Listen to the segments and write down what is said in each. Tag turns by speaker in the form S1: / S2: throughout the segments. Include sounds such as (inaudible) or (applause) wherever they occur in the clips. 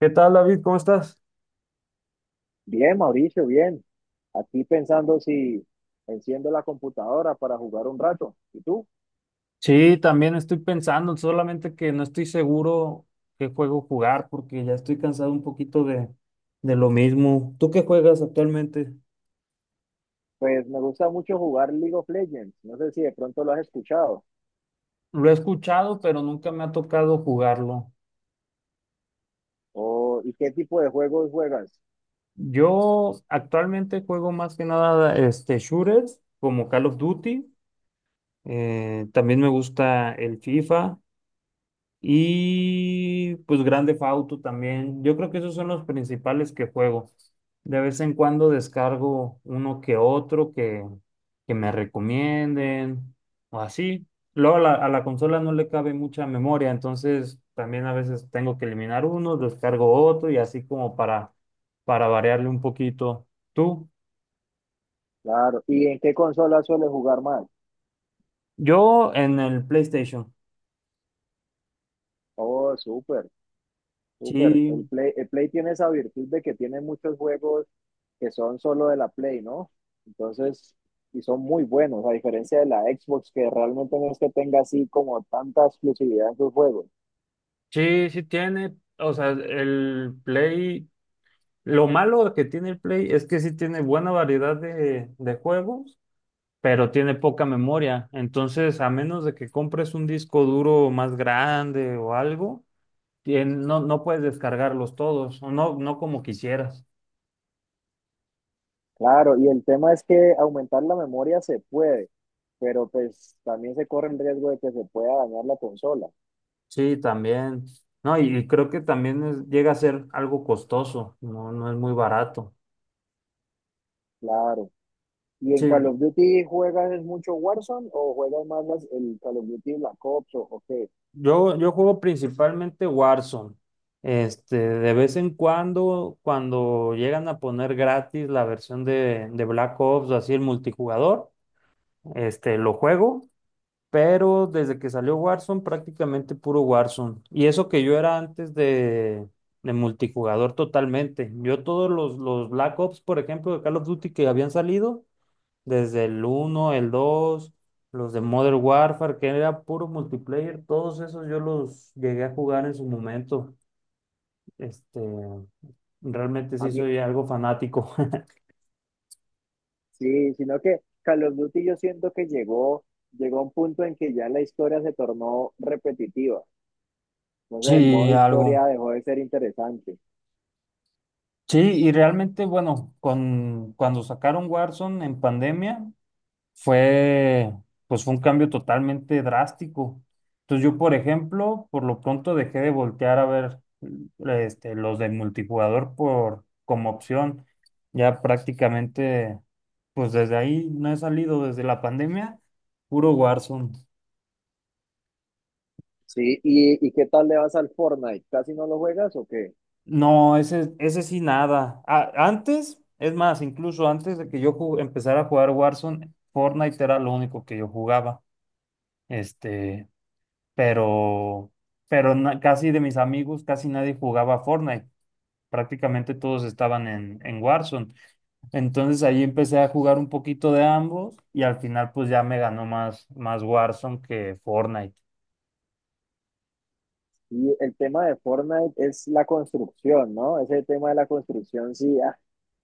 S1: ¿Qué tal, David? ¿Cómo estás?
S2: Bien, Mauricio, bien. Aquí pensando si enciendo la computadora para jugar un rato. ¿Y tú?
S1: Sí, también estoy pensando, solamente que no estoy seguro qué juego jugar porque ya estoy cansado un poquito de lo mismo. ¿Tú qué juegas actualmente?
S2: Pues me gusta mucho jugar League of Legends. No sé si de pronto lo has escuchado.
S1: Lo he escuchado, pero nunca me ha tocado jugarlo.
S2: O, ¿y qué tipo de juegos juegas?
S1: Yo actualmente juego más que nada este shooters como Call of Duty. También me gusta el FIFA y pues grande Theft Auto también. Yo creo que esos son los principales que juego. De vez en cuando descargo uno que otro que me recomienden o así. Luego a a la consola no le cabe mucha memoria, entonces también a veces tengo que eliminar uno, descargo otro y así como para variarle un poquito. ¿Tú?
S2: Claro. ¿Y en qué consola sueles jugar más?
S1: Yo en el PlayStation.
S2: Oh, súper, súper. El
S1: Sí,
S2: Play, el Play tiene esa virtud de que tiene muchos juegos que son solo de la Play, ¿no? Entonces, y son muy buenos, a diferencia de la Xbox, que realmente no es que tenga así como tanta exclusividad en sus juegos.
S1: sí, sí tiene. O sea, el Play. Lo malo que tiene el Play es que sí tiene buena variedad de juegos, pero tiene poca memoria. Entonces, a menos de que compres un disco duro más grande o algo, no, no puedes descargarlos todos, o no, no como quisieras.
S2: Claro, y el tema es que aumentar la memoria se puede, pero pues también se corre el riesgo de que se pueda dañar la consola.
S1: Sí, también. No, y creo que también llega a ser algo costoso, no, no es muy barato.
S2: Claro. ¿Y en Call
S1: Sí,
S2: of Duty juegas es mucho Warzone o juegas más el Call of Duty Black Ops o qué?
S1: Yo juego principalmente Warzone. Este, de vez en cuando, cuando llegan a poner gratis la versión de Black Ops o así el multijugador, este, lo juego, pero desde que salió Warzone, prácticamente puro Warzone. Y eso que yo era antes de multijugador totalmente. Yo todos los Black Ops, por ejemplo, de Call of Duty que habían salido, desde el uno, el 2, los de Modern Warfare, que era puro multiplayer, todos esos yo los llegué a jugar en su momento. Este, realmente
S2: A
S1: sí
S2: mí,
S1: soy algo fanático. (laughs)
S2: sí, sino que Call of Duty yo siento que llegó a un punto en que ya la historia se tornó repetitiva. Entonces el modo
S1: Sí,
S2: historia
S1: algo.
S2: dejó de ser interesante.
S1: Sí, y realmente, bueno, cuando sacaron Warzone en pandemia fue, pues fue un cambio totalmente drástico. Entonces yo, por ejemplo, por lo pronto dejé de voltear a ver este, los de multijugador por, como opción. Ya prácticamente, pues desde ahí no he salido desde la pandemia, puro Warzone.
S2: Sí, ¿y qué tal le vas al Fortnite? ¿Casi no lo juegas o qué?
S1: No, ese sí nada. Antes, es más, incluso antes de que yo empezara a jugar Warzone, Fortnite era lo único que yo jugaba. Este, pero, pero casi de mis amigos, casi nadie jugaba Fortnite. Prácticamente todos estaban en Warzone. Entonces ahí empecé a jugar un poquito de ambos y al final pues ya me ganó más, más Warzone que Fortnite.
S2: Y el tema de Fortnite es la construcción, ¿no? Ese tema de la construcción sí,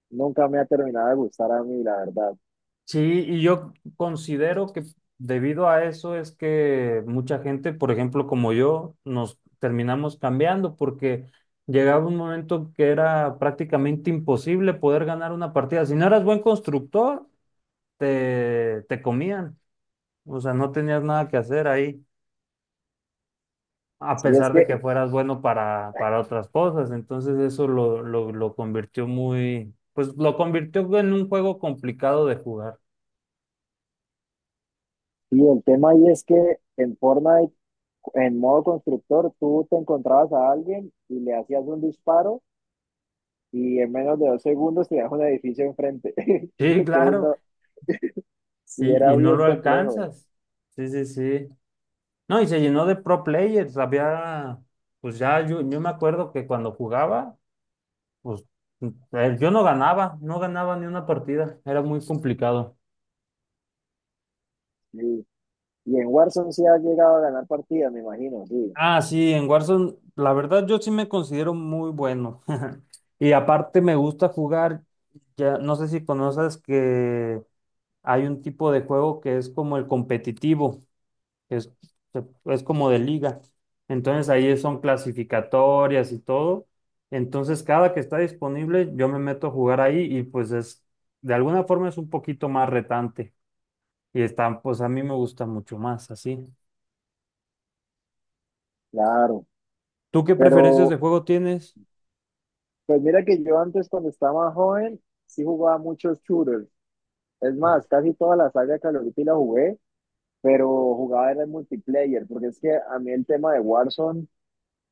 S2: nunca me ha terminado de gustar a mí, la verdad.
S1: Sí, y yo considero que debido a eso es que mucha gente, por ejemplo, como yo, nos terminamos cambiando porque llegaba un momento que era prácticamente imposible poder ganar una partida. Si no eras buen constructor, te comían, o sea, no tenías nada que hacer ahí, a
S2: Sí, es
S1: pesar de
S2: que,
S1: que fueras bueno para otras cosas. Entonces eso lo convirtió muy, pues lo convirtió en un juego complicado de jugar. (laughs)
S2: y el tema ahí es que en Fortnite, en modo constructor, tú te encontrabas a alguien y le hacías un disparo y en menos de 2 segundos tenías un edificio enfrente. (laughs)
S1: Sí,
S2: Entonces,
S1: claro,
S2: no, sí era
S1: y no
S2: bien
S1: lo
S2: complejo.
S1: alcanzas. Sí, sí, sí. No, y se llenó de pro players, había, pues ya yo me acuerdo que cuando jugaba, pues yo no ganaba, no ganaba ni una partida, era muy complicado.
S2: Sí. Y en Warzone sí has llegado a ganar partidas, me imagino, sí,
S1: Ah, sí, en Warzone, la verdad yo sí me considero muy bueno. (laughs) Y aparte me gusta jugar, ya no sé si conoces que hay un tipo de juego que es como el competitivo, que es, que es como de liga. Entonces ahí son clasificatorias y todo. Entonces cada que está disponible yo me meto a jugar ahí y pues es, de alguna forma es un poquito más retante. Y está, pues a mí me gusta mucho más así.
S2: claro.
S1: ¿Tú qué preferencias de
S2: Pero
S1: juego tienes?
S2: Pues mira que yo antes cuando estaba más joven sí jugaba muchos shooters. Es más, casi toda la saga de Call of Duty la jugué, pero jugaba era en multiplayer, porque es que a mí el tema de Warzone,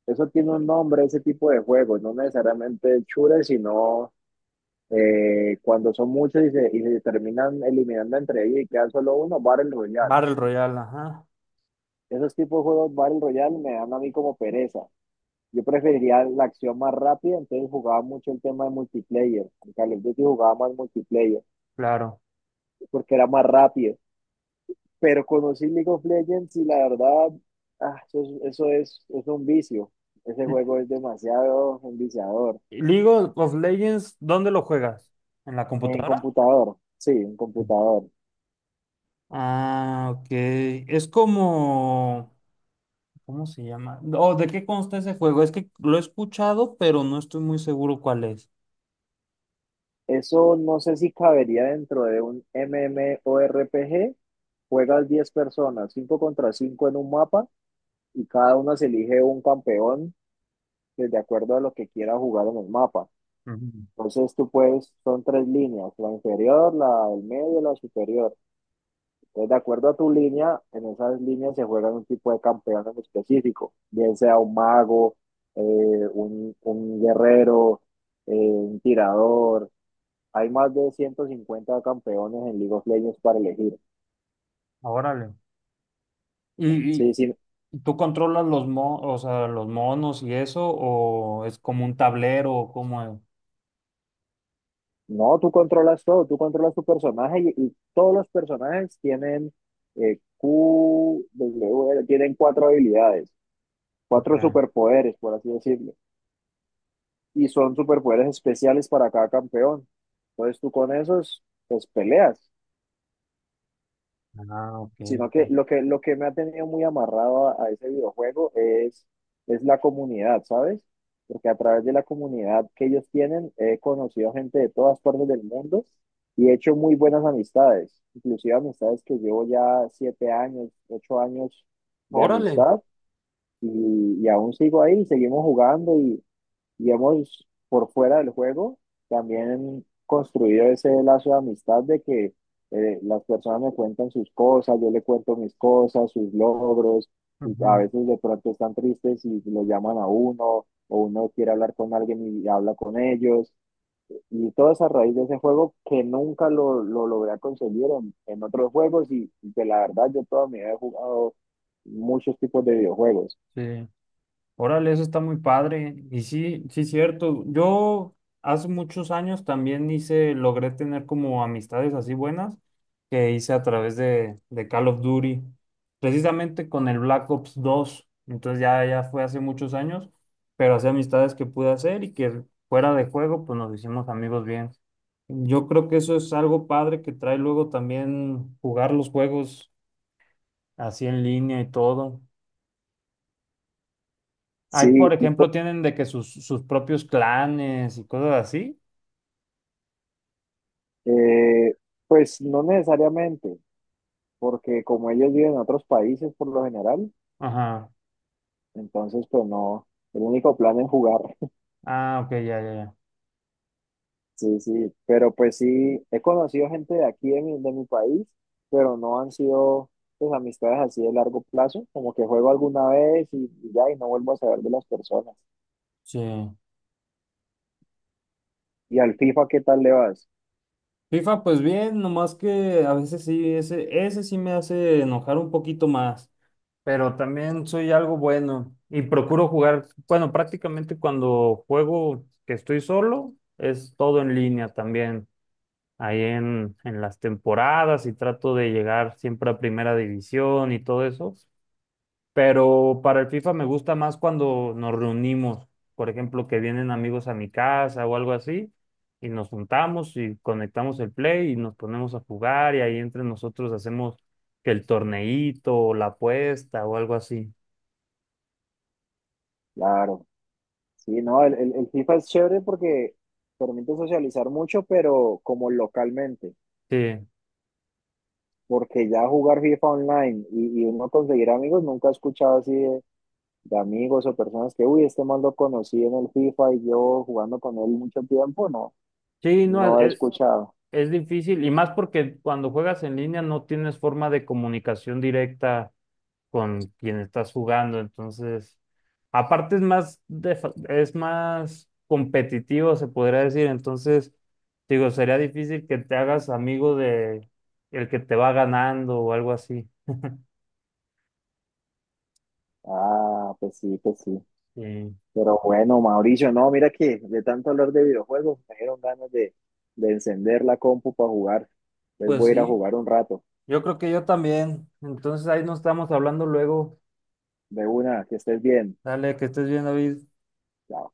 S2: eso tiene un nombre, ese tipo de juegos, no necesariamente shooters, sino cuando son muchos y se terminan eliminando entre ellos y queda solo uno, Battle Royale.
S1: Battle Royale, ajá,
S2: Esos tipos de juegos Battle Royale me dan a mí como pereza. Yo preferiría la acción más rápida, entonces jugaba mucho el tema de multiplayer. En Call of Duty jugaba más multiplayer.
S1: claro.
S2: porque era más rápido. Pero conocí League of Legends y la verdad, eso es un vicio. Ese
S1: L-
S2: juego es demasiado enviciador.
S1: League of Legends, ¿dónde lo juegas? ¿En la
S2: En
S1: computadora?
S2: computador, sí, en computador.
S1: Ah, ok. Es como, ¿cómo se llama? ¿O ¿de qué consta ese juego? Es que lo he escuchado, pero no estoy muy seguro cuál es.
S2: Eso no sé si cabería dentro de un MMORPG. Juegas 10 personas, 5 contra 5 en un mapa y cada uno se elige un campeón que de acuerdo a lo que quiera jugar en el mapa.
S1: Ujú.
S2: Entonces tú puedes, son tres líneas, la inferior, la del medio, la superior. Entonces, de acuerdo a tu línea, en esas líneas se juegan un tipo de campeón en específico, bien sea un mago, eh, un guerrero, un tirador. Hay más de 150 campeones en League of Legends para elegir.
S1: Órale. ¿Y, y
S2: Sí, sí.
S1: tú controlas o sea, los monos y eso? ¿O es como un tablero? ¿O ¿Cómo es?
S2: No, tú controlas todo, tú controlas tu personaje y todos los personajes tienen Q, W, tienen cuatro habilidades,
S1: Ok.
S2: cuatro superpoderes, por así decirlo. Y son superpoderes especiales para cada campeón. Entonces tú con esos, pues peleas.
S1: Ah, ok,
S2: Sino que
S1: ok.
S2: lo que me ha tenido muy amarrado a ese videojuego es la comunidad, ¿sabes? Porque a través de la comunidad que ellos tienen, he conocido gente de todas partes del mundo y he hecho muy buenas amistades, inclusive amistades que llevo ya 7 años, 8 años de
S1: Órale.
S2: amistad y aún sigo ahí, seguimos jugando y hemos, por fuera del juego, también construido ese lazo de amistad de que las personas me cuentan sus cosas, yo le cuento mis cosas, sus logros, y a
S1: Ujú.
S2: veces de pronto están tristes y lo llaman a uno, o uno quiere hablar con alguien y habla con ellos, y todo es a raíz de ese juego que nunca lo logré conseguir en otros juegos, y que la verdad yo toda mi vida he jugado muchos tipos de videojuegos.
S1: Sí. Órale, eso está muy padre. Y sí, sí, cierto. Yo hace muchos años también hice, logré tener como amistades así buenas que hice a través de Call of Duty, precisamente con el Black Ops 2. Entonces ya, ya fue hace muchos años, pero hacía amistades que pude hacer y que fuera de juego, pues nos hicimos amigos bien. Yo creo que eso es algo padre que trae luego también jugar los juegos así en línea y todo. Ahí, por
S2: Sí,
S1: ejemplo, tienen de que sus, sus propios clanes y cosas así.
S2: eh, pues no necesariamente. Porque como ellos viven en otros países por lo general,
S1: Ajá.
S2: entonces pues no, el único plan es jugar. (laughs)
S1: Ah, ok, ya, ya, ya.
S2: Sí, sí, pero pues sí, he conocido gente de aquí de mi país, pero no han sido pues amistades así de largo plazo, como que juego alguna vez y ya, y no vuelvo a saber de las personas.
S1: Sí.
S2: ¿Y al FIFA qué tal le vas?
S1: FIFA, pues bien, nomás que a veces sí, ese sí me hace enojar un poquito más, pero también soy algo bueno y procuro jugar, bueno, prácticamente cuando juego que estoy solo, es todo en línea también, ahí en las temporadas y trato de llegar siempre a primera división y todo eso. Pero para el FIFA me gusta más cuando nos reunimos, por ejemplo, que vienen amigos a mi casa o algo así, y nos juntamos y conectamos el play y nos ponemos a jugar y ahí entre nosotros hacemos que el torneíto o la apuesta o algo así.
S2: Claro, sí, no, el FIFA es chévere porque permite socializar mucho, pero como localmente,
S1: Sí,
S2: porque ya jugar FIFA online y uno conseguir amigos, nunca he escuchado así de amigos o personas que, uy, este man lo conocí en el FIFA y yo jugando con él mucho tiempo, no,
S1: sí, no,
S2: no he escuchado.
S1: es difícil y más porque cuando juegas en línea no tienes forma de comunicación directa con quien estás jugando. Entonces, aparte es más, es más competitivo, se podría decir. Entonces, digo, sería difícil que te hagas amigo de el que te va ganando o algo así.
S2: Ah, pues sí, pues sí.
S1: Sí.
S2: Pero bueno, Mauricio, no, mira que de tanto hablar de videojuegos me dieron ganas de, encender la compu para jugar. Entonces
S1: Pues
S2: voy a ir a
S1: sí,
S2: jugar un rato.
S1: yo creo que yo también. Entonces ahí nos estamos hablando luego.
S2: De una, que estés bien.
S1: Dale, que estés bien, David.
S2: Chao.